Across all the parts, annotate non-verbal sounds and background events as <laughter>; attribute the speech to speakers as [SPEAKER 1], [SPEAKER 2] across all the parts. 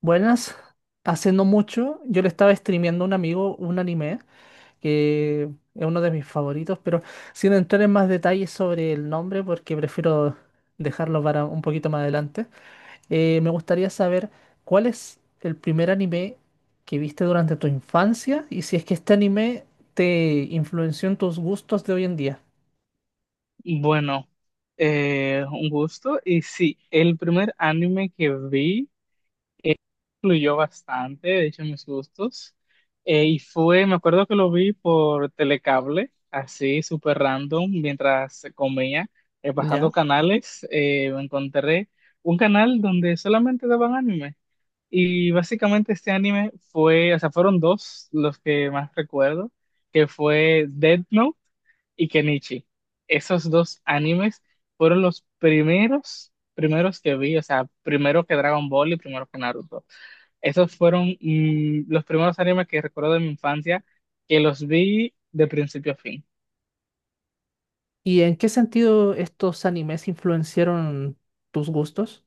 [SPEAKER 1] Buenas, hace no mucho yo le estaba streameando a un amigo un anime que es uno de mis favoritos, pero sin entrar en más detalles sobre el nombre porque prefiero dejarlo para un poquito más adelante, me gustaría saber cuál es el primer anime que viste durante tu infancia y si es que este anime te influenció en tus gustos de hoy en día,
[SPEAKER 2] Bueno, un gusto. Y sí, el primer anime que vi influyó bastante, de hecho, en mis gustos. Me acuerdo que lo vi por telecable, así, súper random, mientras comía, pasando
[SPEAKER 1] ¿ya?
[SPEAKER 2] canales, me encontré un canal donde solamente daban anime. Y básicamente este anime fue, o sea, fueron dos los que más recuerdo, que fue Death Note y Kenichi. Esos dos animes fueron los primeros que vi, o sea, primero que Dragon Ball y primero que Naruto. Esos fueron los primeros animes que recuerdo de mi infancia, que los vi de principio a fin.
[SPEAKER 1] ¿Y en qué sentido estos animes influenciaron tus gustos?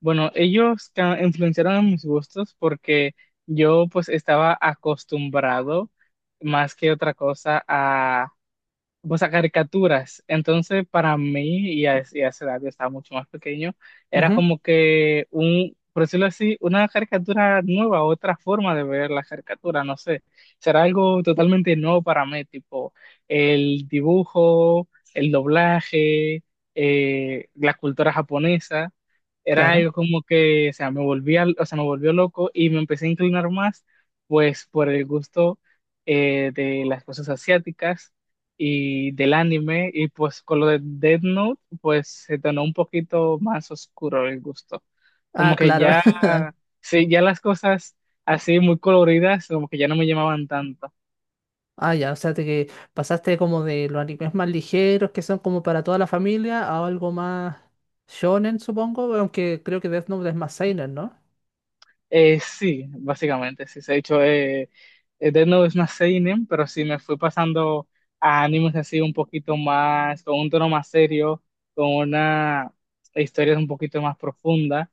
[SPEAKER 2] Bueno, influenciaron en mis gustos porque yo pues estaba acostumbrado más que otra cosa, o sea, caricaturas. Entonces, para mí, y a esa edad yo estaba mucho más pequeño, era
[SPEAKER 1] Ujú,
[SPEAKER 2] como que un, por decirlo así, una caricatura nueva, otra forma de ver la caricatura, no sé. Será algo totalmente nuevo para mí, tipo el dibujo, el doblaje, la cultura japonesa. Era
[SPEAKER 1] claro.
[SPEAKER 2] algo como que, o sea, me volvió loco y me empecé a inclinar más, pues, por el gusto de las cosas asiáticas y del anime, y pues con lo de Death Note, pues se tornó un poquito más oscuro el gusto.
[SPEAKER 1] Ah,
[SPEAKER 2] Como que
[SPEAKER 1] claro.
[SPEAKER 2] ya,
[SPEAKER 1] <laughs>
[SPEAKER 2] sí, ya las cosas así muy coloridas, como que ya no me llamaban tanto.
[SPEAKER 1] Ah, ya, o sea, te que pasaste como de los animes más ligeros que son como para toda la familia a algo más shonen, supongo, aunque creo que Death Note es más seinen, ¿no?
[SPEAKER 2] Sí, básicamente, sí. De hecho, Death Note es más seinen, pero sí me fui pasando a animes así un poquito más, con un tono más serio, con una historia un poquito más profunda,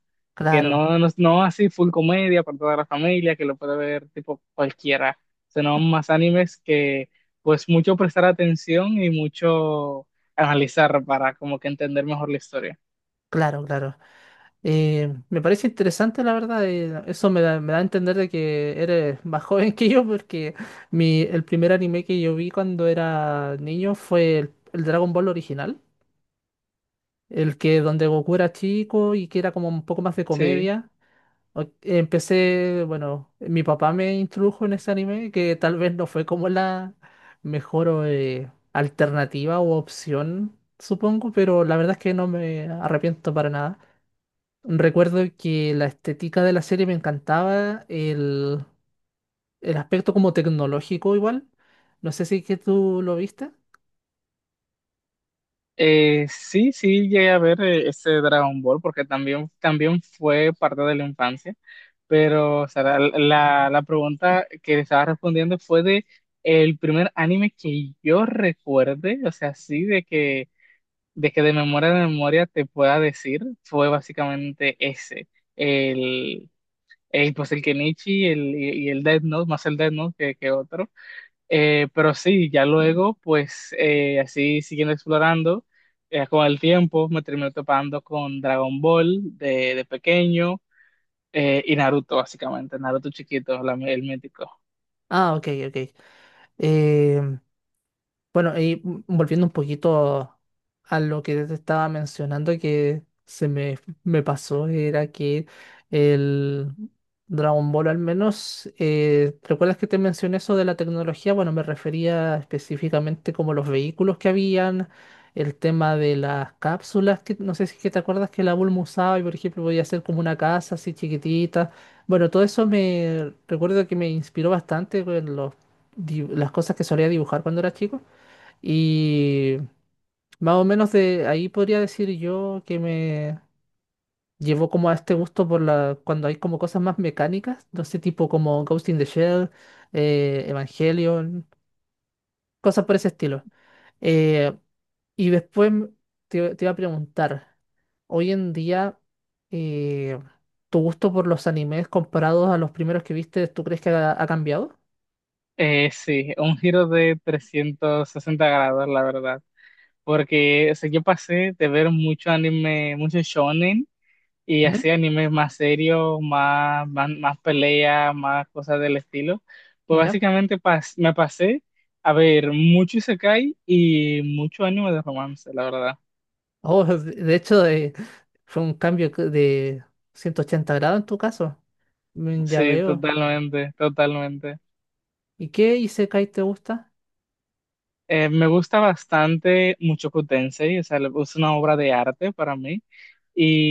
[SPEAKER 2] que
[SPEAKER 1] Claro,
[SPEAKER 2] no así full comedia para toda la familia, que lo puede ver tipo cualquiera, sino más animes que pues mucho prestar atención y mucho analizar para como que entender mejor la historia.
[SPEAKER 1] claro, claro. Me parece interesante, la verdad. Eso me da a entender de que eres más <laughs> joven que yo, porque el primer anime que yo vi cuando era niño fue el Dragon Ball original, el que donde Goku era chico y que era como un poco más de
[SPEAKER 2] Sí.
[SPEAKER 1] comedia. Empecé, bueno, mi papá me introdujo en ese anime que tal vez no fue como la mejor alternativa o opción, supongo, pero la verdad es que no me arrepiento para nada. Recuerdo que la estética de la serie me encantaba, el aspecto como tecnológico igual. No sé si que tú lo viste.
[SPEAKER 2] Sí, llegué a ver ese Dragon Ball porque también fue parte de la infancia, pero o sea, la pregunta que le estaba respondiendo fue de el primer anime que yo recuerde, o sea, sí, de que de memoria te pueda decir, fue básicamente ese, el, pues el Kenichi el, y el Death Note, más el Death Note que otro. Pero sí, ya luego, pues así siguiendo explorando, con el tiempo me terminé topando con Dragon Ball de pequeño, y Naruto, básicamente, Naruto chiquito, el mítico.
[SPEAKER 1] Ah, ok, ok. Em, Bueno, y volviendo un poquito a lo que te estaba mencionando que me pasó, era que el Dragon Ball al menos, ¿recuerdas que te mencioné eso de la tecnología? Bueno, me refería específicamente como los vehículos que habían, el tema de las cápsulas, que no sé si es que te acuerdas que la Bulma usaba y por ejemplo podía hacer como una casa así chiquitita. Bueno, todo eso me recuerdo que me inspiró bastante con las cosas que solía dibujar cuando era chico. Y más o menos de ahí podría decir yo que me llevó como a este gusto por la cuando hay como cosas más mecánicas, no sé, tipo como Ghost in the Shell, Evangelion, cosas por ese estilo. Eh, y después m- Te iba a preguntar, hoy en día, eh, ¿tu gusto por los animes comparados a los primeros que viste, tú crees que ha cambiado?
[SPEAKER 2] Sí, un giro de 360 grados, la verdad, porque o sea, yo pasé de ver mucho anime, mucho shonen y
[SPEAKER 1] Ujú.
[SPEAKER 2] así animes más serios, más peleas, más cosas del estilo. Pues
[SPEAKER 1] ¿Ya?
[SPEAKER 2] me pasé a ver mucho Isekai y mucho anime de romance, la verdad.
[SPEAKER 1] Oh, <laughs> de hecho, fue un de 180 grados en tu caso. Mm, ya
[SPEAKER 2] Sí,
[SPEAKER 1] veo.
[SPEAKER 2] totalmente, totalmente.
[SPEAKER 1] ¿Y qué Isekai te gusta?
[SPEAKER 2] Me gusta bastante Mushoku Tensei, o sea, es una obra de arte para mí.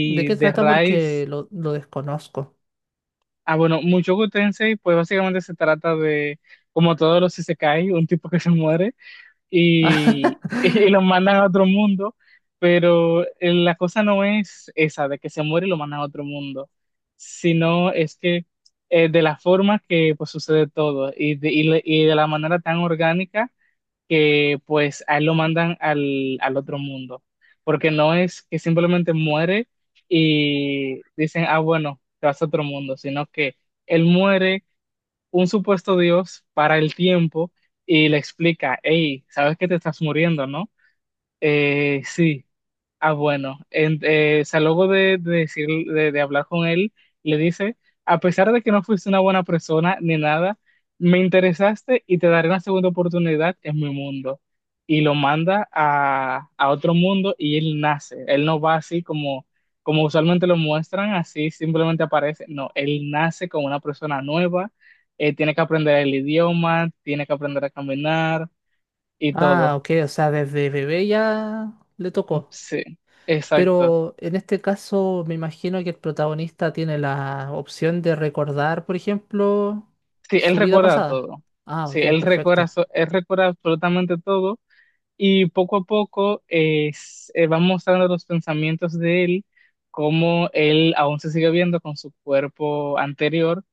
[SPEAKER 1] ¿De qué
[SPEAKER 2] de
[SPEAKER 1] trata? Porque
[SPEAKER 2] Rise,
[SPEAKER 1] lo desconozco.
[SPEAKER 2] ah, bueno, Mushoku Tensei, pues básicamente se trata de, como todos los Isekai, un tipo que se muere y, <laughs> y lo
[SPEAKER 1] <laughs>
[SPEAKER 2] mandan a otro mundo, pero la cosa no es esa, de que se muere y lo mandan a otro mundo, sino es que de la forma que pues sucede todo y de la manera tan orgánica que pues a él lo mandan al otro mundo, porque no es que simplemente muere y dicen, ah, bueno, te vas a otro mundo, sino que él muere un supuesto Dios para el tiempo y le explica, hey, sabes que te estás muriendo, ¿no? Sí. Ah, bueno, de decir, de hablar con él, le dice, a pesar de que no fuiste una buena persona ni nada, me interesaste y te daré una segunda oportunidad en mi mundo. Y lo manda a otro mundo y él nace. Él no va así como, como usualmente lo muestran, así simplemente aparece. No, él nace como una persona nueva, tiene que aprender el idioma, tiene que aprender a caminar y
[SPEAKER 1] Ah,
[SPEAKER 2] todo.
[SPEAKER 1] ok, o sea, desde bebé ya le tocó.
[SPEAKER 2] Sí, exacto.
[SPEAKER 1] Pero en este caso me imagino que el protagonista tiene la opción de recordar, por ejemplo,
[SPEAKER 2] Sí, él
[SPEAKER 1] su vida
[SPEAKER 2] recuerda
[SPEAKER 1] pasada.
[SPEAKER 2] todo.
[SPEAKER 1] Ah, ok,
[SPEAKER 2] Sí, él recuerda,
[SPEAKER 1] perfecto.
[SPEAKER 2] él recuerda absolutamente todo y poco a poco van mostrando los pensamientos de él, cómo él aún se sigue viendo con su cuerpo anterior,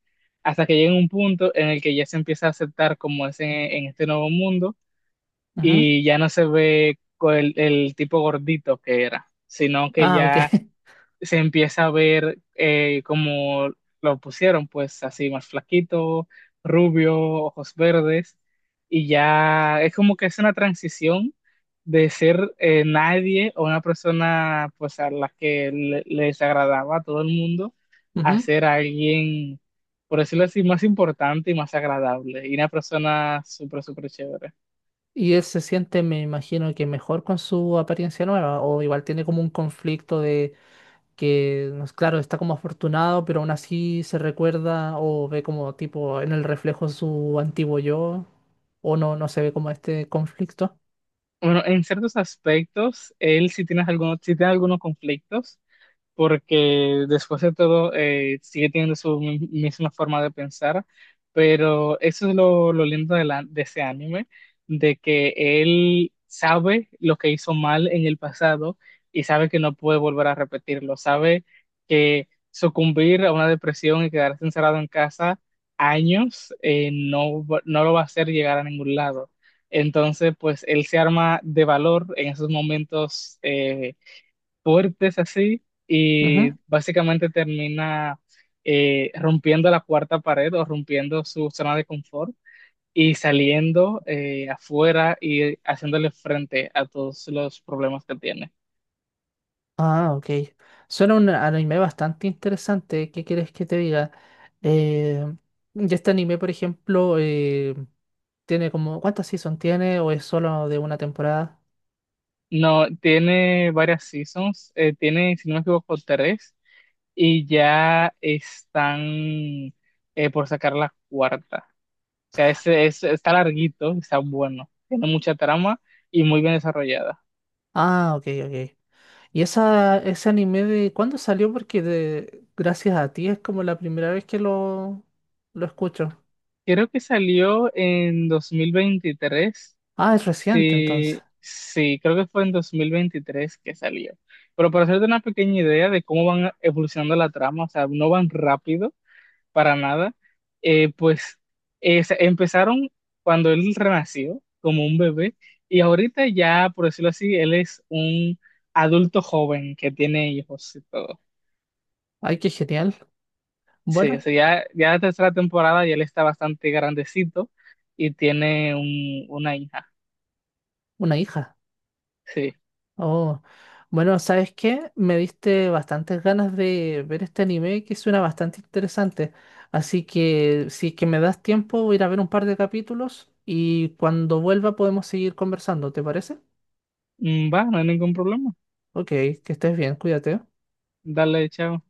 [SPEAKER 2] hasta que llega un punto en el que ya se empieza a aceptar como es en este nuevo mundo
[SPEAKER 1] Ujú.
[SPEAKER 2] y ya no se ve el tipo gordito que era, sino que
[SPEAKER 1] Ah, ok. <laughs>
[SPEAKER 2] ya se empieza a ver como lo pusieron, pues así más flaquito, rubio, ojos verdes, y ya es como que es una transición de ser nadie o una persona pues a la que les agradaba a todo el mundo a
[SPEAKER 1] Ujú.
[SPEAKER 2] ser alguien, por decirlo así, más importante y más agradable, y una persona súper, súper chévere.
[SPEAKER 1] Y él se siente, me imagino que mejor con su apariencia nueva, o igual tiene como un conflicto de... que, no es- claro, está como afortunado, pero aún así se recuerda o ve como tipo en el reflejo su antiguo yo, o no, no se ve como este conflicto.
[SPEAKER 2] Bueno, en ciertos aspectos, él sí tiene algunos conflictos, porque después de todo sigue teniendo su misma forma de pensar, pero eso es lo lindo de, de ese anime, de que él sabe lo que hizo mal en el pasado y sabe que no puede volver a repetirlo, sabe que sucumbir a una depresión y quedarse encerrado en casa años no lo va a hacer llegar a ningún lado. Entonces, pues él se arma de valor en esos momentos fuertes así y
[SPEAKER 1] Ujú.
[SPEAKER 2] básicamente termina rompiendo la cuarta pared o rompiendo su zona de confort y saliendo afuera y haciéndole frente a todos los problemas que tiene.
[SPEAKER 1] Ah, ok. Suena un anime bastante interesante. ¿Qué quieres que te diga? Eh, y este anime, por ejemplo, tiene como, ¿cuántas seasons tiene o es solo de una temporada?
[SPEAKER 2] No, tiene varias seasons, tiene, si no me equivoco, tres y ya están por sacar la cuarta. O sea, ese es, está larguito, está bueno, tiene mucha trama y muy bien desarrollada.
[SPEAKER 1] Ah, ok, ok. ¿Ese anime de cuándo salió? Porque de, gracias a ti es como la primera vez que lo escucho.
[SPEAKER 2] Creo que salió en 2023.
[SPEAKER 1] Ah, es reciente entonces.
[SPEAKER 2] Sí, sí, creo que fue en 2023 que salió. Pero para hacerte una pequeña idea de cómo van evolucionando la trama, o sea, no van rápido para nada, pues empezaron cuando él renació como un bebé y ahorita ya, por decirlo así, él es un adulto joven que tiene hijos y todo.
[SPEAKER 1] Ay, qué genial.
[SPEAKER 2] Sí, o
[SPEAKER 1] Bueno,
[SPEAKER 2] sea, ya, ya la tercera temporada y él está bastante grandecito y tiene un, una hija.
[SPEAKER 1] una hija.
[SPEAKER 2] Sí.
[SPEAKER 1] Oh, bueno, ¿sabes qué? Me diste bastantes ganas de ver este anime que suena bastante interesante. Así que si es que me das tiempo, voy a ir a ver un par de capítulos y cuando vuelva podemos seguir conversando, ¿te parece?
[SPEAKER 2] Va, no hay ningún problema.
[SPEAKER 1] Ok, que estés bien, cuídate.
[SPEAKER 2] Dale, chao.